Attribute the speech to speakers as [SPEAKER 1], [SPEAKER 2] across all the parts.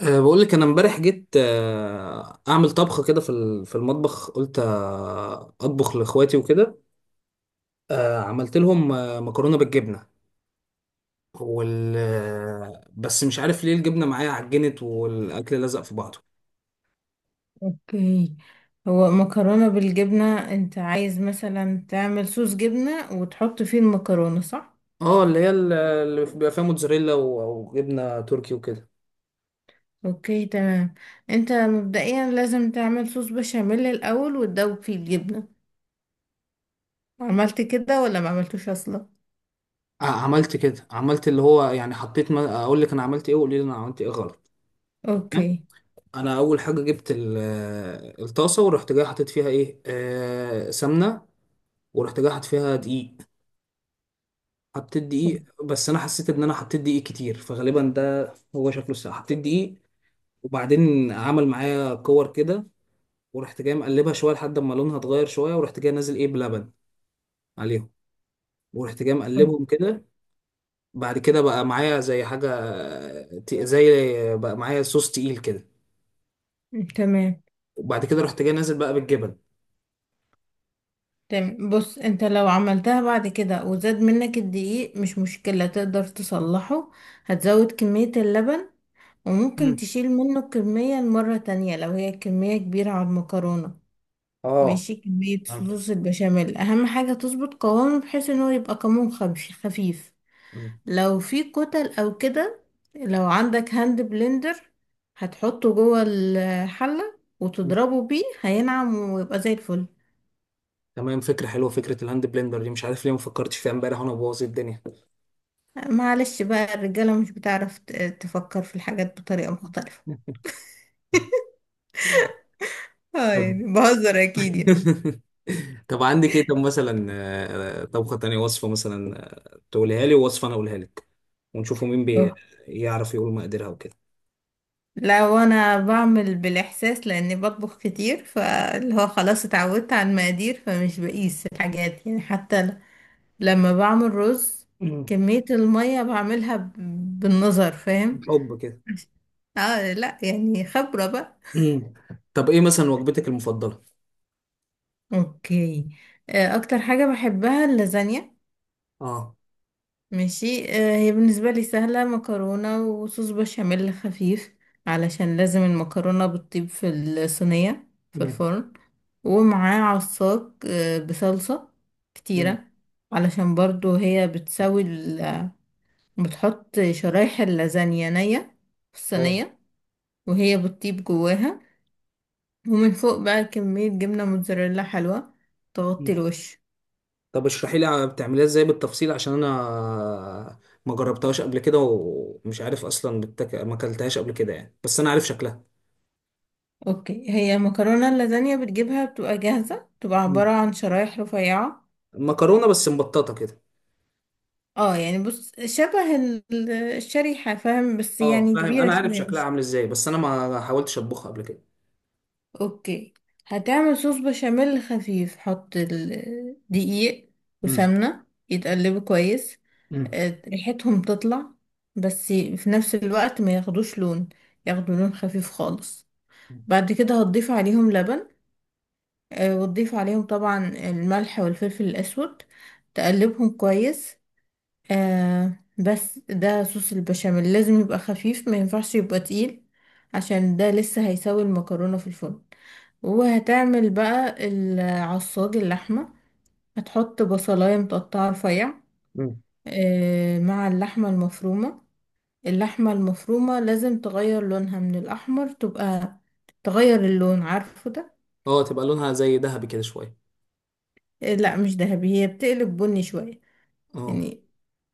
[SPEAKER 1] بقول لك انا امبارح جيت، اعمل طبخه كده في المطبخ. قلت، اطبخ لاخواتي وكده. عملت لهم، مكرونه بالجبنه. وال آه، بس مش عارف ليه الجبنه معايا عجنت والاكل لزق في بعضه.
[SPEAKER 2] اوكي. هو مكرونة بالجبنة انت عايز مثلا تعمل صوص جبنة وتحط فيه المكرونة، صح؟
[SPEAKER 1] اه، اللي هي اللي بيبقى فيها موتزاريلا وجبنه تركي وكده.
[SPEAKER 2] اوكي تمام. انت مبدئيا لازم تعمل صوص بشاميل الاول وتدوب فيه الجبنة. عملت كده ولا ما عملتوش اصلا؟
[SPEAKER 1] عملت كده، عملت اللي هو يعني حطيت. ما اقول لك انا عملت ايه وقولي لي انا عملت ايه غلط. تمام؟
[SPEAKER 2] اوكي
[SPEAKER 1] انا اول حاجه جبت الطاسه. ورحت جاي حطيت فيها ايه، سمنه. ورحت جاي حاطط فيها دقيق. حطيت دقيق بس انا حسيت ان انا حطيت دقيق كتير، فغالبا ده هو شكله الساعه حطيت دقيق. وبعدين عمل معايا كور كده. ورحت جاي مقلبها شويه لحد ما لونها اتغير شويه. ورحت جاي نازل ايه بلبن عليهم. ورحت جاي مقلبهم كده. بعد كده بقى معايا زي حاجه، ت- زي بقى معايا صوص تقيل كده.
[SPEAKER 2] تمام.
[SPEAKER 1] وبعد كده رحت جاي نازل بقى بالجبن.
[SPEAKER 2] تمام، بص، انت لو عملتها بعد كده وزاد منك الدقيق، مش مشكلة، تقدر تصلحه. هتزود كمية اللبن، وممكن
[SPEAKER 1] مم.
[SPEAKER 2] تشيل منه الكمية المرة تانية لو هي كمية كبيرة على المكرونة.
[SPEAKER 1] اه
[SPEAKER 2] ماشي، كمية
[SPEAKER 1] فهمت.
[SPEAKER 2] صوص البشاميل أهم حاجة تظبط قوامه بحيث إن هو يبقى قوام خفيف خفيف.
[SPEAKER 1] مم.
[SPEAKER 2] لو في كتل أو كده، لو عندك هاند بلندر، هتحطه جوه الحلة
[SPEAKER 1] مم.
[SPEAKER 2] وتضربه بيه هينعم ويبقى زي الفل.
[SPEAKER 1] تمام. فكره حلوه. فكره الهاند بلندر دي مش عارف ليه ما فكرتش فيها امبارح وانا بوظ الدنيا.
[SPEAKER 2] معلش بقى، الرجالة مش بتعرف تفكر في الحاجات بطريقة مختلفة. اه
[SPEAKER 1] طب.
[SPEAKER 2] يعني بهزر أكيد يعني.
[SPEAKER 1] طب عندك ايه؟ طب مثلا، طبخة تانية، وصفة مثلا، تقولها لي، ووصفة انا اقولها لك. ونشوفوا مين بيعرف يقول مقاديرها وكده.
[SPEAKER 2] لو انا بعمل بالاحساس لاني بطبخ كتير، فاللي هو خلاص اتعودت على المقادير فمش بقيس الحاجات يعني، حتى لما بعمل رز،
[SPEAKER 1] مم.
[SPEAKER 2] كمية المية بعملها بالنظر، فاهم.
[SPEAKER 1] حب كده.
[SPEAKER 2] اه لا، يعني خبرة بقى.
[SPEAKER 1] مم. طب ايه مثلا وجبتك المفضلة؟
[SPEAKER 2] اوكي، اكتر حاجة بحبها اللازانيا.
[SPEAKER 1] اه.
[SPEAKER 2] ماشي، هي بالنسبة لي سهلة، مكرونة وصوص بشاميل خفيف علشان لازم المكرونة بتطيب في الصينية في
[SPEAKER 1] مم.
[SPEAKER 2] الفرن، ومعاه عصاك بصلصة
[SPEAKER 1] مم.
[SPEAKER 2] كتيرة، علشان برضو هي بتسوي بتحط شرايح اللازانيا نية في
[SPEAKER 1] اه.
[SPEAKER 2] الصينية وهي بتطيب جواها، ومن فوق بقى كمية جبنة موتزاريلا حلوة تغطي
[SPEAKER 1] مم.
[SPEAKER 2] الوش.
[SPEAKER 1] طب اشرحي لي بتعمليها ازاي بالتفصيل، عشان انا ما جربتهاش قبل كده ومش عارف اصلا ما اكلتهاش قبل كده يعني. بس انا عارف شكلها.
[SPEAKER 2] اوكي، هي مكرونة اللازانيا بتجيبها بتبقى جاهزة، بتبقى
[SPEAKER 1] مم.
[SPEAKER 2] عبارة عن شرايح رفيعة.
[SPEAKER 1] مكرونة بس مبططة كده.
[SPEAKER 2] اه يعني بص، شبه الشريحة فاهم، بس
[SPEAKER 1] اه
[SPEAKER 2] يعني
[SPEAKER 1] فاهم.
[SPEAKER 2] كبيرة
[SPEAKER 1] انا عارف
[SPEAKER 2] شوية
[SPEAKER 1] شكلها
[SPEAKER 2] مش.
[SPEAKER 1] عامل ازاي بس انا ما حاولتش اطبخها قبل كده.
[SPEAKER 2] اوكي، هتعمل صوص بشاميل خفيف، حط الدقيق
[SPEAKER 1] امم.
[SPEAKER 2] وسمنة يتقلبوا كويس،
[SPEAKER 1] امم.
[SPEAKER 2] ريحتهم تطلع بس في نفس الوقت ما ياخدوش لون، ياخدوا لون خفيف خالص. بعد كده هتضيف عليهم لبن، وتضيف عليهم طبعا الملح والفلفل الأسود، تقلبهم كويس. بس ده صوص البشاميل لازم يبقى خفيف، ما ينفعش يبقى تقيل، عشان ده لسه هيسوي المكرونة في الفرن. وهتعمل بقى العصاج اللحمة، هتحط بصلاية متقطعة رفيع،
[SPEAKER 1] مم.
[SPEAKER 2] مع اللحمة المفرومة. اللحمة المفرومة لازم تغير لونها من الأحمر، تبقى تغير اللون عارفه ده.
[SPEAKER 1] اه، تبقى لونها زي ذهبي كده شويه.
[SPEAKER 2] لا مش ذهبي، هي بتقلب بني شوية
[SPEAKER 1] اه.
[SPEAKER 2] يعني.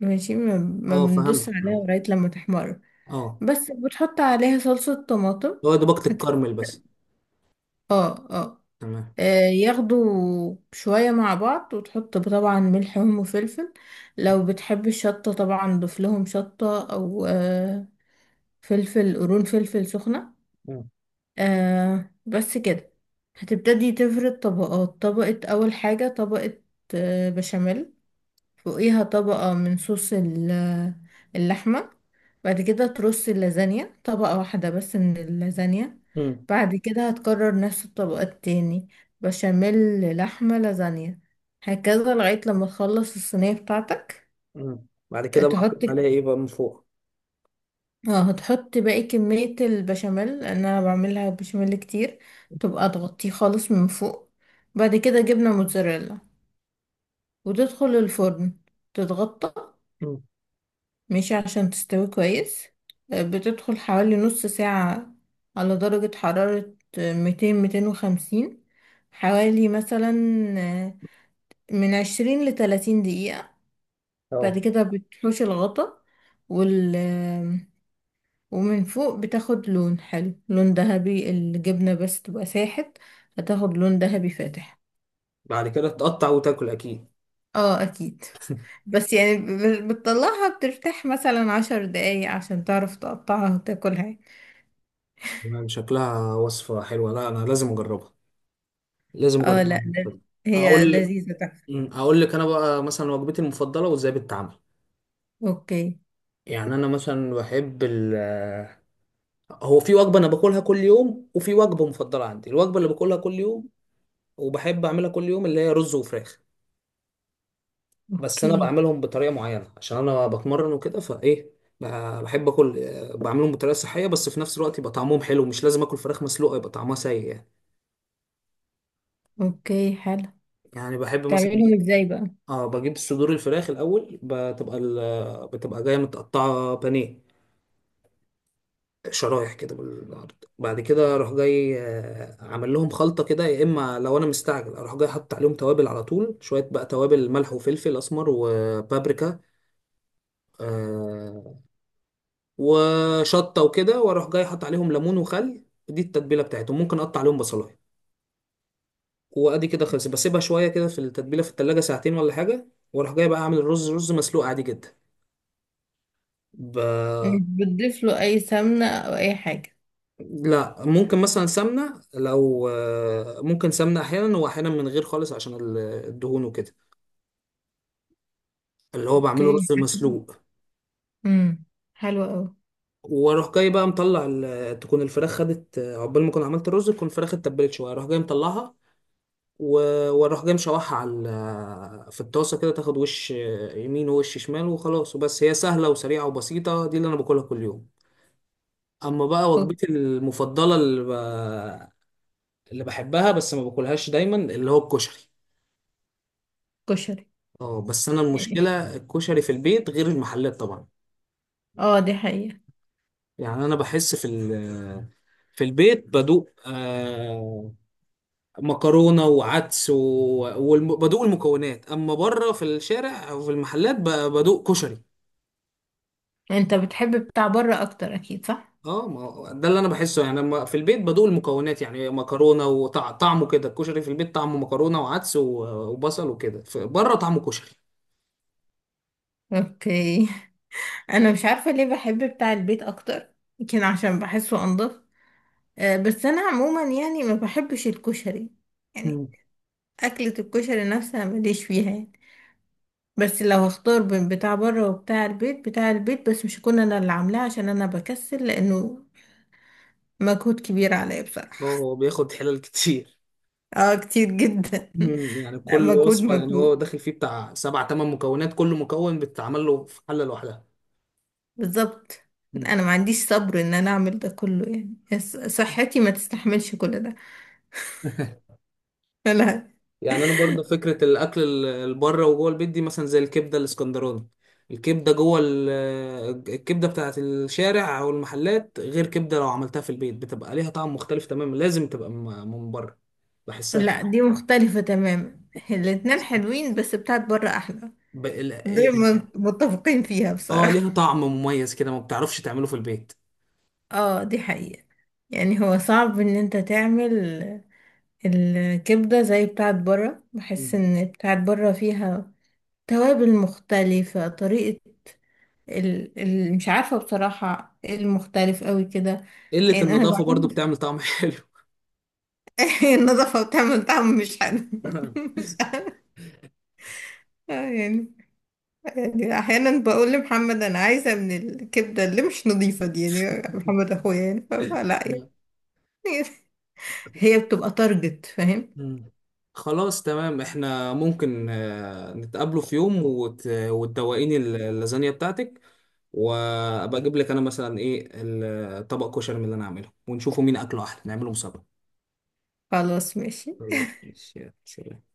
[SPEAKER 2] ماشي، ما
[SPEAKER 1] اه فهمت
[SPEAKER 2] بندوس عليها
[SPEAKER 1] فهمت.
[SPEAKER 2] لغاية لما تحمر،
[SPEAKER 1] اه.
[SPEAKER 2] بس بتحط عليها صلصة طماطم.
[SPEAKER 1] هو دوبك
[SPEAKER 2] هت...
[SPEAKER 1] الكرمل بس.
[SPEAKER 2] اه اه.
[SPEAKER 1] تمام.
[SPEAKER 2] آه، ياخدوا شوية مع بعض، وتحط طبعا ملحهم وفلفل، لو بتحب الشطة طبعا ضيف لهم شطة أو فلفل قرون، فلفل سخنة. بس كده. هتبتدي تفرد طبقات، طبقة أول حاجة طبقة بشاميل، فوقيها طبقة من صوص اللحمة، بعد كده ترص اللازانيا طبقة واحدة بس من اللازانيا.
[SPEAKER 1] امم.
[SPEAKER 2] بعد كده هتكرر نفس الطبقة التاني، بشاميل، لحمة، لازانيا، هكذا لغاية لما تخلص الصينية بتاعتك.
[SPEAKER 1] امم. بعد كده بقى
[SPEAKER 2] تحط،
[SPEAKER 1] احط عليها ايه بقى من فوق؟
[SPEAKER 2] اه هتحط باقي كمية البشاميل لأن أنا بعملها بشاميل كتير، تبقى تغطيه خالص من فوق. بعد كده جبنة موتزاريلا، وتدخل الفرن، تتغطى،
[SPEAKER 1] مم.
[SPEAKER 2] ماشي، عشان تستوي كويس. بتدخل حوالي نص ساعة على درجة حرارة 200، 250، حوالي مثلا، آه، من 20 لتلاتين دقيقة. بعد
[SPEAKER 1] اه.
[SPEAKER 2] كده بتحوش الغطا، وال آه، ومن فوق بتاخد لون حلو، لون ذهبي، الجبنة بس تبقى ساحت، هتاخد لون ذهبي فاتح.
[SPEAKER 1] بعد كده تقطع وتاكل اكيد.
[SPEAKER 2] اه اكيد، بس يعني بتطلعها بترتاح مثلا 10 دقايق عشان تعرف تقطعها وتاكلها.
[SPEAKER 1] تمام، شكلها وصفة حلوة. لا، انا لازم اجربها. لازم
[SPEAKER 2] اه
[SPEAKER 1] اجربها.
[SPEAKER 2] لا، هي
[SPEAKER 1] اقول
[SPEAKER 2] لذيذة تحفة.
[SPEAKER 1] اقول لك انا بقى مثلا وجبتي المفضلة وازاي بتتعمل.
[SPEAKER 2] اوكي.
[SPEAKER 1] يعني انا مثلا بحب هو في وجبة أنا باكلها كل يوم، وفي وجبة مفضلة عندي. الوجبة اللي باكلها كل يوم وبحب أعملها كل يوم اللي هي رز وفراخ. بس أنا
[SPEAKER 2] اوكي.
[SPEAKER 1] بعملهم بطريقة معينة عشان أنا بتمرن وكده، فإيه، بحب آكل، بعملهم بطريقة صحية بس في نفس الوقت يبقى طعمهم حلو. مش لازم آكل فراخ مسلوقة يبقى طعمها سيء يعني.
[SPEAKER 2] اوكي حلو.
[SPEAKER 1] يعني بحب مثلا
[SPEAKER 2] تعملهم ازاي بقى؟
[SPEAKER 1] بجيب صدور الفراخ الأول. بتبقى جاية متقطعة بانيه، شرايح كده بالعرض. بعد كده اروح جاي، عامل لهم خلطه كده، يا اما لو انا مستعجل اروح جاي حاطط عليهم توابل على طول. شويه بقى توابل، ملح وفلفل اسمر وبابريكا آه، وشطه وكده. واروح جاي حاطط عليهم ليمون وخل. دي التتبيله بتاعتهم. ممكن اقطع عليهم بصلايه. وادي كده خلصت. بسيبها شويه كده في التتبيله في التلاجة ساعتين ولا حاجه. واروح جاي بقى اعمل الرز. رز مسلوق عادي جدا. ب...
[SPEAKER 2] مش بتضيف له أي سمنة أو أي حاجة؟
[SPEAKER 1] لا، ممكن مثلا سمنة لو، ممكن سمنة أحيانا، وأحيانا من غير خالص عشان الدهون وكده. اللي هو بعمله
[SPEAKER 2] اوكي
[SPEAKER 1] رز
[SPEAKER 2] حلو.
[SPEAKER 1] مسلوق.
[SPEAKER 2] امم، حلو قوي.
[SPEAKER 1] وأروح جاي بقى مطلع تكون الفراخ خدت، عقبال ما أكون عملت الرز تكون الفراخ اتبلت شوية. أروح جاي مطلعها وأروح جاي مشوحها على في الطاسة كده. تاخد وش، يمين ووش شمال وخلاص وبس. هي سهلة وسريعة وبسيطة. دي اللي أنا باكلها كل يوم. أما بقى وجبتي المفضلة اللي بحبها بس ما باكلهاش دايما، اللي هو الكشري.
[SPEAKER 2] كشري.
[SPEAKER 1] اه بس انا المشكله الكشري في البيت غير المحلات طبعا.
[SPEAKER 2] اه دي حقيقة.
[SPEAKER 1] يعني انا بحس في البيت بدوق مكرونه وعدس، وبدوق المكونات، اما بره في الشارع او في المحلات بدوق كشري.
[SPEAKER 2] انت بتحب بتاع بره اكتر اكيد، صح؟
[SPEAKER 1] اه، ما هو ده اللي انا بحسه. يعني لما في البيت بدوق المكونات يعني مكرونه وطعمه كده. الكشري في البيت طعمه مكرونه وعدس وبصل وكده، بره طعمه كشري.
[SPEAKER 2] اوكي. انا مش عارفة ليه بحب بتاع البيت اكتر، يمكن عشان بحسه انضف. بس انا عموما يعني ما بحبش الكشري يعني،
[SPEAKER 1] مم.
[SPEAKER 2] اكلة الكشري نفسها ماليش فيها يعني. بس لو هختار بين بتاع بره وبتاع البيت، بتاع البيت، بس مش هكون انا اللي عاملاه عشان انا بكسل، لانه مجهود كبير عليا
[SPEAKER 1] اه
[SPEAKER 2] بصراحة.
[SPEAKER 1] هو بياخد حلال كتير.
[SPEAKER 2] اه كتير جدا.
[SPEAKER 1] مم. يعني
[SPEAKER 2] لا،
[SPEAKER 1] كل
[SPEAKER 2] مجهود
[SPEAKER 1] وصفة، يعني هو
[SPEAKER 2] مجهود،
[SPEAKER 1] داخل فيه بتاع سبع تمن مكونات، كل مكون بتتعمل له في حلة لوحدها.
[SPEAKER 2] بالظبط.
[SPEAKER 1] مم.
[SPEAKER 2] انا ما عنديش صبر ان انا اعمل ده كله يعني، بس صحتي ما تستحملش كل ده. لا.
[SPEAKER 1] يعني انا برضه فكرة الاكل اللي بره وجوه البيت دي، مثلا زي الكبدة الاسكندراني. الكبدة جوه ال- الكبدة بتاعت الشارع او المحلات غير كبدة لو عملتها في البيت، بتبقى ليها طعم مختلف تماما. لازم تبقى من بره. بحسها
[SPEAKER 2] لا،
[SPEAKER 1] كده.
[SPEAKER 2] دي مختلفة تماما، الاتنين حلوين بس بتاعت بره احلى.
[SPEAKER 1] ب... ال-
[SPEAKER 2] دي متفقين فيها
[SPEAKER 1] اه،
[SPEAKER 2] بصراحة.
[SPEAKER 1] ليها طعم مميز كده ما بتعرفش تعمله في البيت.
[SPEAKER 2] اه دي حقيقة. يعني هو صعب ان انت تعمل الكبدة زي بتاعت بره، بحس
[SPEAKER 1] مم.
[SPEAKER 2] ان بتاعت بره فيها توابل مختلفة، طريقة مش عارفة بصراحة ايه المختلف قوي كده.
[SPEAKER 1] قلة
[SPEAKER 2] يعني انا
[SPEAKER 1] النظافة برضه
[SPEAKER 2] بعمل،
[SPEAKER 1] بتعمل طعم حلو.
[SPEAKER 2] النظافة بتعمل طعم مش حلو. مش عارفة يعني. يعني احيانا بقول لمحمد انا عايزة من الكبدة اللي مش نظيفة دي، يعني محمد اخويا يعني، فلا يعني. هي بتبقى تارجت، فاهم.
[SPEAKER 1] مم. خلاص تمام. احنا ممكن، نتقابلوا في يوم وتدوقيني اللازانيا بتاعتك. وابقى اجيب لك انا مثلا ايه، الطبق كشري من اللي انا عامله، ونشوفوا مين اكله احلى. نعمله مسابقة.
[SPEAKER 2] خلاص ماشي.
[SPEAKER 1] طيب، ماشي، يلا، سلام.